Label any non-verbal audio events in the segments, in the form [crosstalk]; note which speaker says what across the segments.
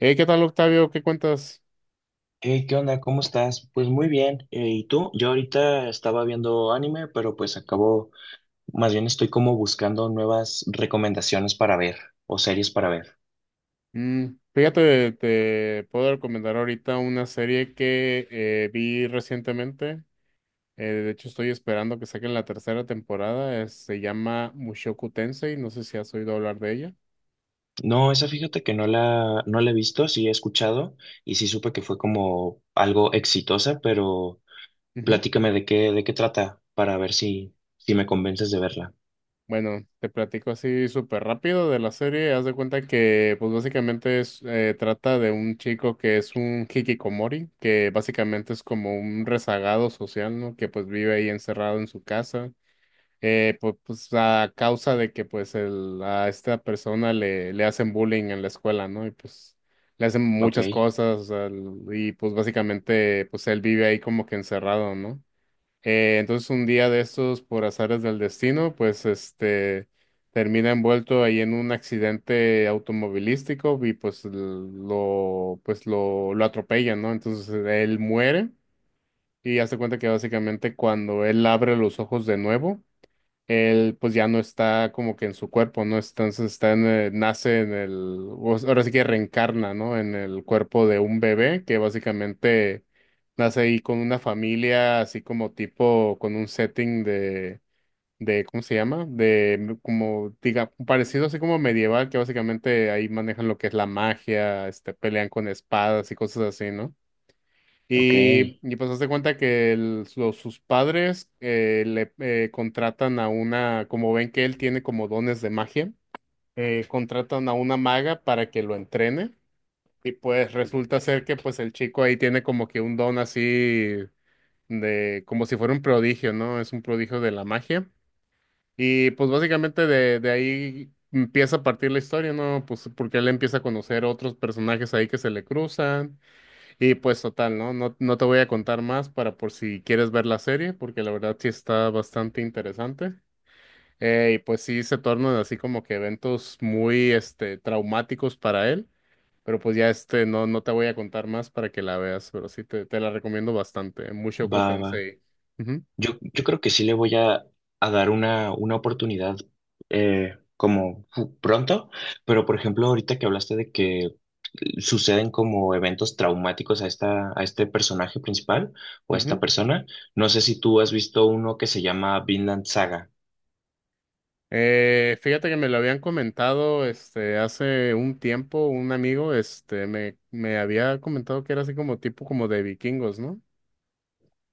Speaker 1: Hey, ¿qué tal, Octavio? ¿Qué cuentas?
Speaker 2: Hey, ¿qué onda? ¿Cómo estás? Pues muy bien. ¿Y tú? Yo ahorita estaba viendo anime, pero pues acabo, más bien estoy como buscando nuevas recomendaciones para ver o series para ver.
Speaker 1: Mm, fíjate, te puedo recomendar ahorita una serie que vi recientemente. De hecho, estoy esperando que saquen la tercera temporada. Se llama Mushoku Tensei. No sé si has oído hablar de ella.
Speaker 2: No, esa fíjate que no la he visto, sí he escuchado y sí supe que fue como algo exitosa, pero
Speaker 1: Ujú.
Speaker 2: platícame de de qué trata para ver si me convences de verla.
Speaker 1: Bueno, te platico así súper rápido de la serie. Haz de cuenta que, pues básicamente es, trata de un chico que es un hikikomori, que básicamente es como un rezagado social, ¿no? Que pues vive ahí encerrado en su casa. Pues, a causa de que pues a esta persona le hacen bullying en la escuela, ¿no? Y pues le hacen
Speaker 2: Ok,
Speaker 1: muchas cosas, o sea, y pues básicamente pues él vive ahí como que encerrado, ¿no? Entonces un día de estos, por azares del destino, pues este termina envuelto ahí en un accidente automovilístico y pues lo atropellan, ¿no? Entonces él muere y hace cuenta que básicamente cuando él abre los ojos de nuevo, él pues ya no está como que en su cuerpo, ¿no? Entonces está en, nace en el, o sea, ahora sí que reencarna, ¿no? En el cuerpo de un bebé que básicamente nace ahí con una familia, así como tipo, con un setting de, ¿cómo se llama? Como, diga, parecido así como medieval, que básicamente ahí manejan lo que es la magia, este, pelean con espadas y cosas así, ¿no?
Speaker 2: ok.
Speaker 1: Y pues hazte cuenta que sus padres le contratan a una, como ven que él tiene como dones de magia, contratan a una maga para que lo entrene. Y pues resulta ser que pues el chico ahí tiene como que un don así de, como si fuera un prodigio, ¿no? Es un prodigio de la magia. Y pues básicamente de ahí empieza a partir la historia, ¿no? Pues porque él empieza a conocer otros personajes ahí que se le cruzan. Y pues total, ¿no? No te voy a contar más para por si quieres ver la serie, porque la verdad sí está bastante interesante. Y pues sí se tornan así como que eventos muy este traumáticos para él. Pero pues ya este no te voy a contar más para que la veas, pero sí te la recomiendo bastante. Mushoku
Speaker 2: Va, va.
Speaker 1: Tensei. Ujú,
Speaker 2: Yo creo que sí le voy a dar una oportunidad, como pronto, pero por ejemplo, ahorita que hablaste de que suceden como eventos traumáticos a a este personaje principal o a esta
Speaker 1: ujú.
Speaker 2: persona, no sé si tú has visto uno que se llama Vinland Saga.
Speaker 1: Fíjate que me lo habían comentado este hace un tiempo, un amigo, este, me había comentado que era así como tipo como de vikingos, ¿no?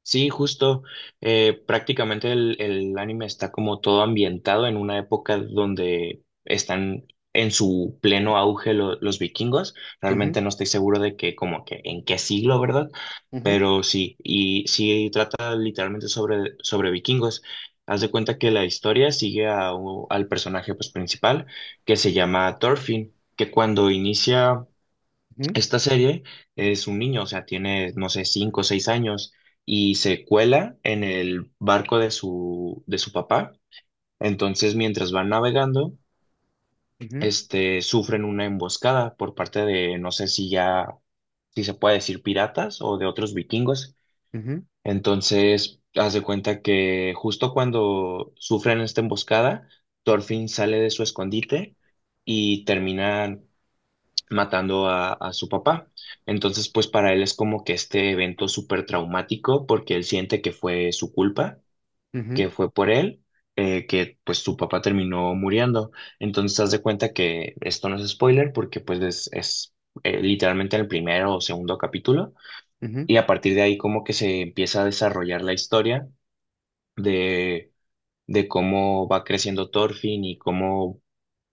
Speaker 2: Sí, justo. Eh, prácticamente el anime está como todo ambientado en una época donde están en su pleno auge los vikingos.
Speaker 1: Ujú,
Speaker 2: Realmente no estoy seguro de que como que en qué siglo, ¿verdad?
Speaker 1: ujú,
Speaker 2: Pero sí, y sí trata literalmente sobre vikingos. Haz de cuenta que la historia sigue a al personaje pues, principal, que se llama Thorfinn, que cuando inicia
Speaker 1: ujú.
Speaker 2: esta serie es un niño, o sea, tiene, no sé, cinco o seis años y se cuela en el barco de de su papá. Entonces, mientras van navegando,
Speaker 1: Ujú,
Speaker 2: sufren una emboscada por parte de, no sé si ya, si se puede decir piratas o de otros vikingos.
Speaker 1: ujú,
Speaker 2: Entonces, haz de cuenta que justo cuando sufren esta emboscada, Thorfinn sale de su escondite y terminan matando a su papá. Entonces, pues para él es como que este evento súper traumático porque él siente que fue su culpa,
Speaker 1: ujú,
Speaker 2: que fue por él, que pues su papá terminó muriendo. Entonces, haz de cuenta que esto no es spoiler porque pues es literalmente el primero o segundo capítulo
Speaker 1: ujú,
Speaker 2: y a partir de ahí como que se empieza a desarrollar la historia de, de cómo va creciendo Thorfinn y cómo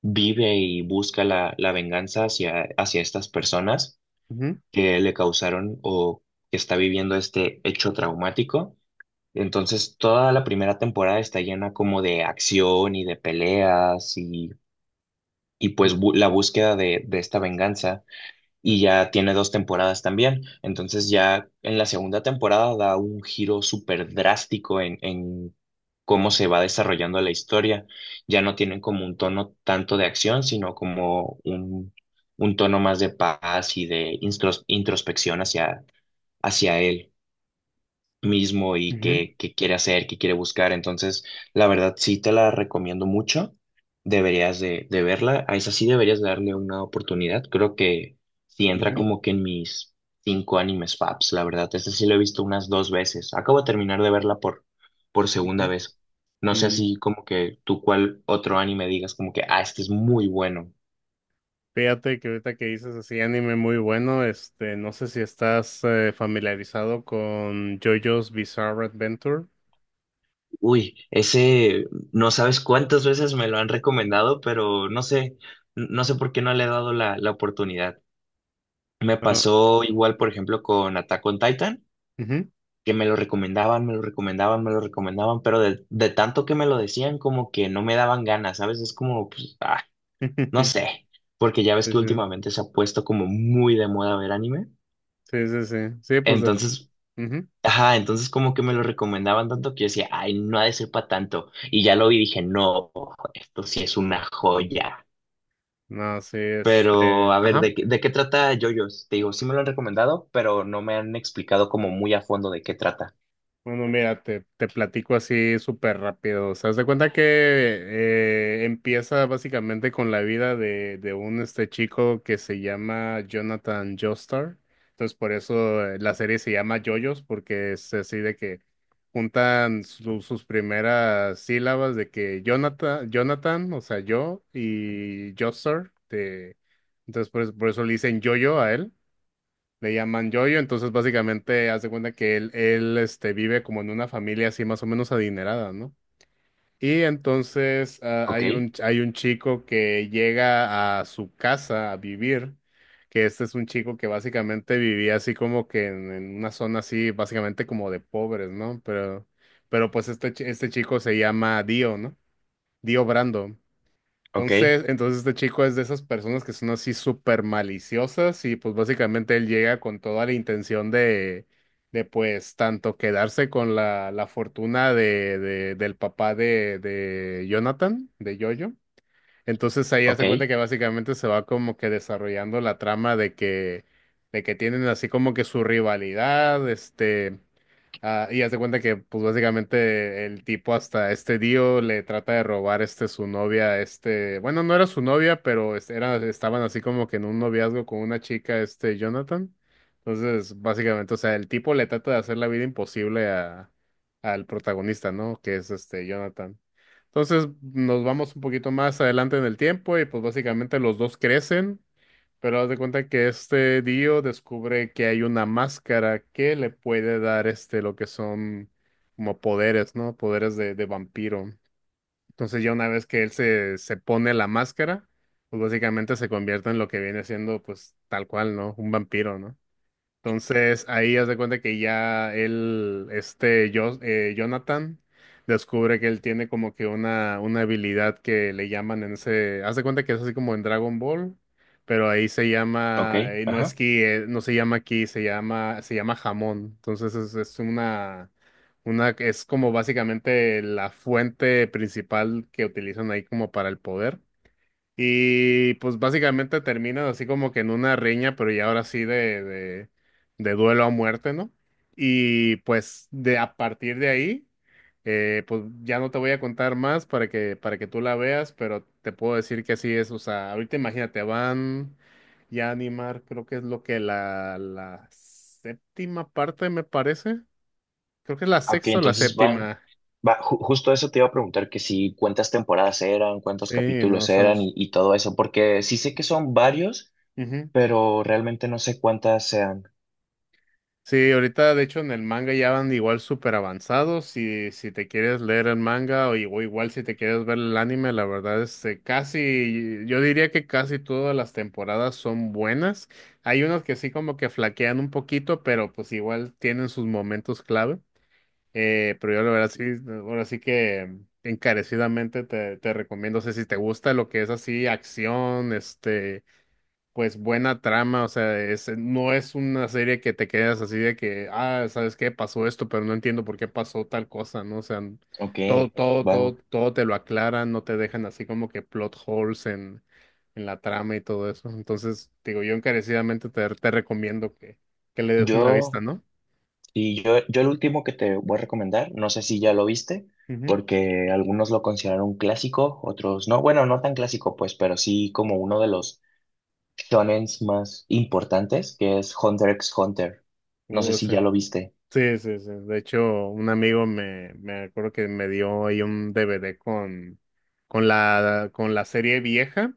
Speaker 2: vive y busca la venganza hacia estas personas
Speaker 1: ujú,
Speaker 2: que le causaron o que está viviendo este hecho traumático. Entonces, toda la primera temporada está llena como de acción y de peleas y
Speaker 1: ujú,
Speaker 2: pues la búsqueda de esta venganza. Y ya tiene dos temporadas también. Entonces, ya en la segunda temporada da un giro súper drástico en cómo se va desarrollando la historia. Ya no tienen como un tono tanto de acción, sino como un tono más de paz y de introspección hacia hacia él mismo y qué quiere hacer, qué quiere buscar. Entonces, la verdad, sí te la recomiendo mucho. Deberías de verla. A esa sí deberías darle una oportunidad. Creo que sí
Speaker 1: ujú,
Speaker 2: entra
Speaker 1: ujú.
Speaker 2: como que en mis cinco animes faps, la verdad. Este sí lo he visto unas dos veces. Acabo de terminar de verla por segunda
Speaker 1: Ujú.
Speaker 2: vez. No sé
Speaker 1: Mm,
Speaker 2: así como que tú cuál otro anime digas como que, ah, este es muy bueno.
Speaker 1: fíjate que ahorita que dices así anime muy bueno, este, no sé si estás familiarizado con JoJo's Bizarre Adventure.
Speaker 2: Uy, ese no sabes cuántas veces me lo han recomendado, pero no sé, no sé por qué no le he dado la oportunidad. Me
Speaker 1: Ah,
Speaker 2: pasó igual, por ejemplo, con Attack on Titan,
Speaker 1: ujú.
Speaker 2: que me lo recomendaban, me lo recomendaban, me lo recomendaban, pero de tanto que me lo decían, como que no me daban ganas, ¿sabes? Es como, pues, ah, no
Speaker 1: [laughs]
Speaker 2: sé, porque ya ves
Speaker 1: Sí,
Speaker 2: que
Speaker 1: sí,
Speaker 2: últimamente se ha puesto como muy de moda ver anime.
Speaker 1: sí, sí, sí, sí, pues,
Speaker 2: Entonces,
Speaker 1: ujú.
Speaker 2: ajá, entonces como que me lo recomendaban tanto que yo decía, ay, no ha de ser para tanto. Y ya lo vi y dije, no, esto sí es una joya.
Speaker 1: No, sí,
Speaker 2: Pero,
Speaker 1: este,
Speaker 2: a ver,
Speaker 1: ajá.
Speaker 2: ¿de, de qué trata JoJo's? Te digo, sí me lo han recomendado, pero no me han explicado como muy a fondo de qué trata.
Speaker 1: Bueno, mira, te platico así súper rápido. O sea, haz de cuenta que empieza básicamente con la vida de un este chico que se llama Jonathan Joestar. Entonces, por eso la serie se llama JoJo's, porque es así de que juntan sus primeras sílabas de que Jonathan, Jonathan, o sea, yo, y Joestar. Entonces, por eso le dicen JoJo a él. Le llaman Yoyo, entonces básicamente haz de cuenta que él este, vive como en una familia así más o menos adinerada, ¿no? Y entonces ah,
Speaker 2: Ok,
Speaker 1: hay un, hay un chico que llega a su casa a vivir, que este es un chico que básicamente vivía así como que en una zona así, básicamente como de pobres, ¿no? Pero pues este, este chico se llama Dio, ¿no? Dio Brando.
Speaker 2: ok,
Speaker 1: Entonces este chico es de esas personas que son así súper maliciosas y pues básicamente él llega con toda la intención de pues tanto quedarse con la, la fortuna de, del papá de Jonathan, de Jojo. Entonces ahí
Speaker 2: ok,
Speaker 1: hace cuenta que básicamente se va como que desarrollando la trama de que tienen así como que su rivalidad, este, ah, y hace cuenta que pues básicamente el tipo hasta este Dio le trata de robar este su novia, este, bueno, no era su novia, pero era, estaban así como que en un noviazgo con una chica, este, Jonathan. Entonces, básicamente, o sea, el tipo le trata de hacer la vida imposible a, al protagonista, ¿no? Que es este Jonathan. Entonces nos vamos un poquito más adelante en el tiempo y pues básicamente los dos crecen, pero haz de cuenta que este Dio descubre que hay una máscara que le puede dar este lo que son como poderes, ¿no? Poderes de vampiro. Entonces ya una vez que se pone la máscara, pues básicamente se convierte en lo que viene siendo pues tal cual, ¿no? Un vampiro, ¿no? Entonces ahí haz de cuenta que ya él, este Jonathan, descubre que él tiene como que una habilidad que le llaman en ese, haz de cuenta que es así como en Dragon Ball, pero ahí se
Speaker 2: ok,
Speaker 1: llama,
Speaker 2: ajá.
Speaker 1: no se llama ki, se llama jamón. Entonces es una, es como básicamente la fuente principal que utilizan ahí como para el poder. Y pues básicamente termina así como que en una riña, pero ya ahora sí de duelo a muerte, ¿no? Y pues de a partir de ahí, pues ya no te voy a contar más para que tú la veas, pero te puedo decir que así es. O sea, ahorita imagínate, van ya a animar, creo que es lo que la séptima parte me parece. Creo que es la
Speaker 2: Ok,
Speaker 1: sexta o la
Speaker 2: entonces van,
Speaker 1: séptima.
Speaker 2: va, justo eso te iba a preguntar que si cuántas temporadas eran, cuántos
Speaker 1: Sí, no
Speaker 2: capítulos
Speaker 1: son.
Speaker 2: eran y todo eso, porque sí sé que son varios, pero realmente no sé cuántas sean.
Speaker 1: Sí, ahorita de hecho en el manga ya van igual súper avanzados. Si te quieres leer el manga o igual si te quieres ver el anime, la verdad es que casi, yo diría que casi todas las temporadas son buenas. Hay unos que sí como que flaquean un poquito, pero pues igual tienen sus momentos clave. Pero yo la verdad sí, ahora sí que encarecidamente te recomiendo, o sea, si te gusta lo que es así, acción, este pues buena trama, o sea, no es una serie que te quedas así de que, ah, ¿sabes qué? Pasó esto, pero no entiendo por qué pasó tal cosa, ¿no? O sea,
Speaker 2: Ok.
Speaker 1: todo, todo,
Speaker 2: Va.
Speaker 1: todo, todo te lo aclaran, no te dejan así como que plot holes en la trama y todo eso. Entonces, digo, yo encarecidamente te recomiendo que le des una vista,
Speaker 2: Yo,
Speaker 1: ¿no?
Speaker 2: y yo el último que te voy a recomendar, no sé si ya lo viste,
Speaker 1: Ujú.
Speaker 2: porque algunos lo consideran un clásico, otros no, bueno, no tan clásico pues, pero sí como uno de los shonens más importantes, que es Hunter x Hunter. No sé si
Speaker 1: Sí.
Speaker 2: ya lo viste.
Speaker 1: Sí, sí, sí. De hecho, un amigo me acuerdo que me dio ahí un DVD con la serie vieja.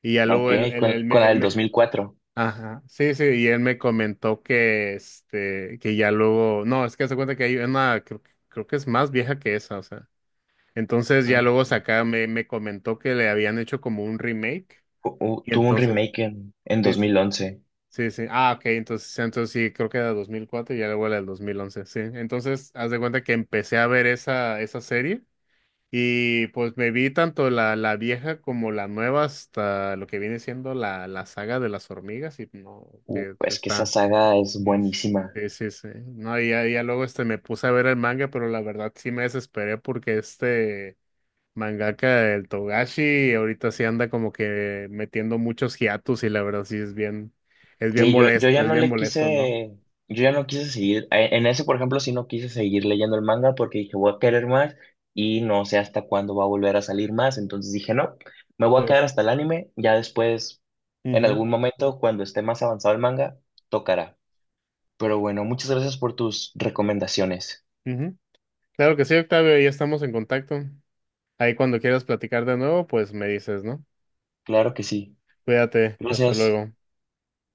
Speaker 1: Y ya
Speaker 2: Ok,
Speaker 1: luego
Speaker 2: con la del 2004.
Speaker 1: ajá, sí, sí, y él me comentó que, este, que ya luego, no, es que se cuenta que hay una, creo que es más vieja que esa, o sea, entonces ya
Speaker 2: Mm.
Speaker 1: luego saca, me comentó que le habían hecho como un remake, y
Speaker 2: Tuvo un
Speaker 1: entonces,
Speaker 2: remake en
Speaker 1: sí,
Speaker 2: 2011.
Speaker 1: sí, sí, ah, ok, entonces sí, creo que era 2004 y ya luego era del 2011 sí, entonces, haz de cuenta que empecé a ver esa, esa serie, y pues me vi tanto la, la vieja como la nueva hasta lo que viene siendo la, la saga de las hormigas y no, que
Speaker 2: Es que esa
Speaker 1: está.
Speaker 2: saga es
Speaker 1: es-
Speaker 2: buenísima.
Speaker 1: Sí, sí, sí. No, y ya, ya luego este me puse a ver el manga, pero la verdad sí me desesperé porque este mangaka, el Togashi, ahorita sí anda como que metiendo muchos hiatus y la verdad sí
Speaker 2: Sí, yo ya
Speaker 1: es
Speaker 2: no
Speaker 1: bien
Speaker 2: le
Speaker 1: molesto, ¿no?
Speaker 2: quise, yo ya no quise seguir, en ese, por ejemplo, sí no quise seguir leyendo el manga porque dije, voy a querer más y no sé hasta cuándo va a volver a salir más, entonces dije, no, me voy a quedar
Speaker 1: Entonces,
Speaker 2: hasta el anime, ya después, en
Speaker 1: ujú,
Speaker 2: algún momento, cuando esté más avanzado el manga, tocará. Pero bueno, muchas gracias por tus recomendaciones.
Speaker 1: ujú. Claro que sí, Octavio, ya estamos en contacto. Ahí cuando quieras platicar de nuevo, pues me dices, ¿no?
Speaker 2: Claro que sí.
Speaker 1: Cuídate, hasta
Speaker 2: Gracias.
Speaker 1: luego.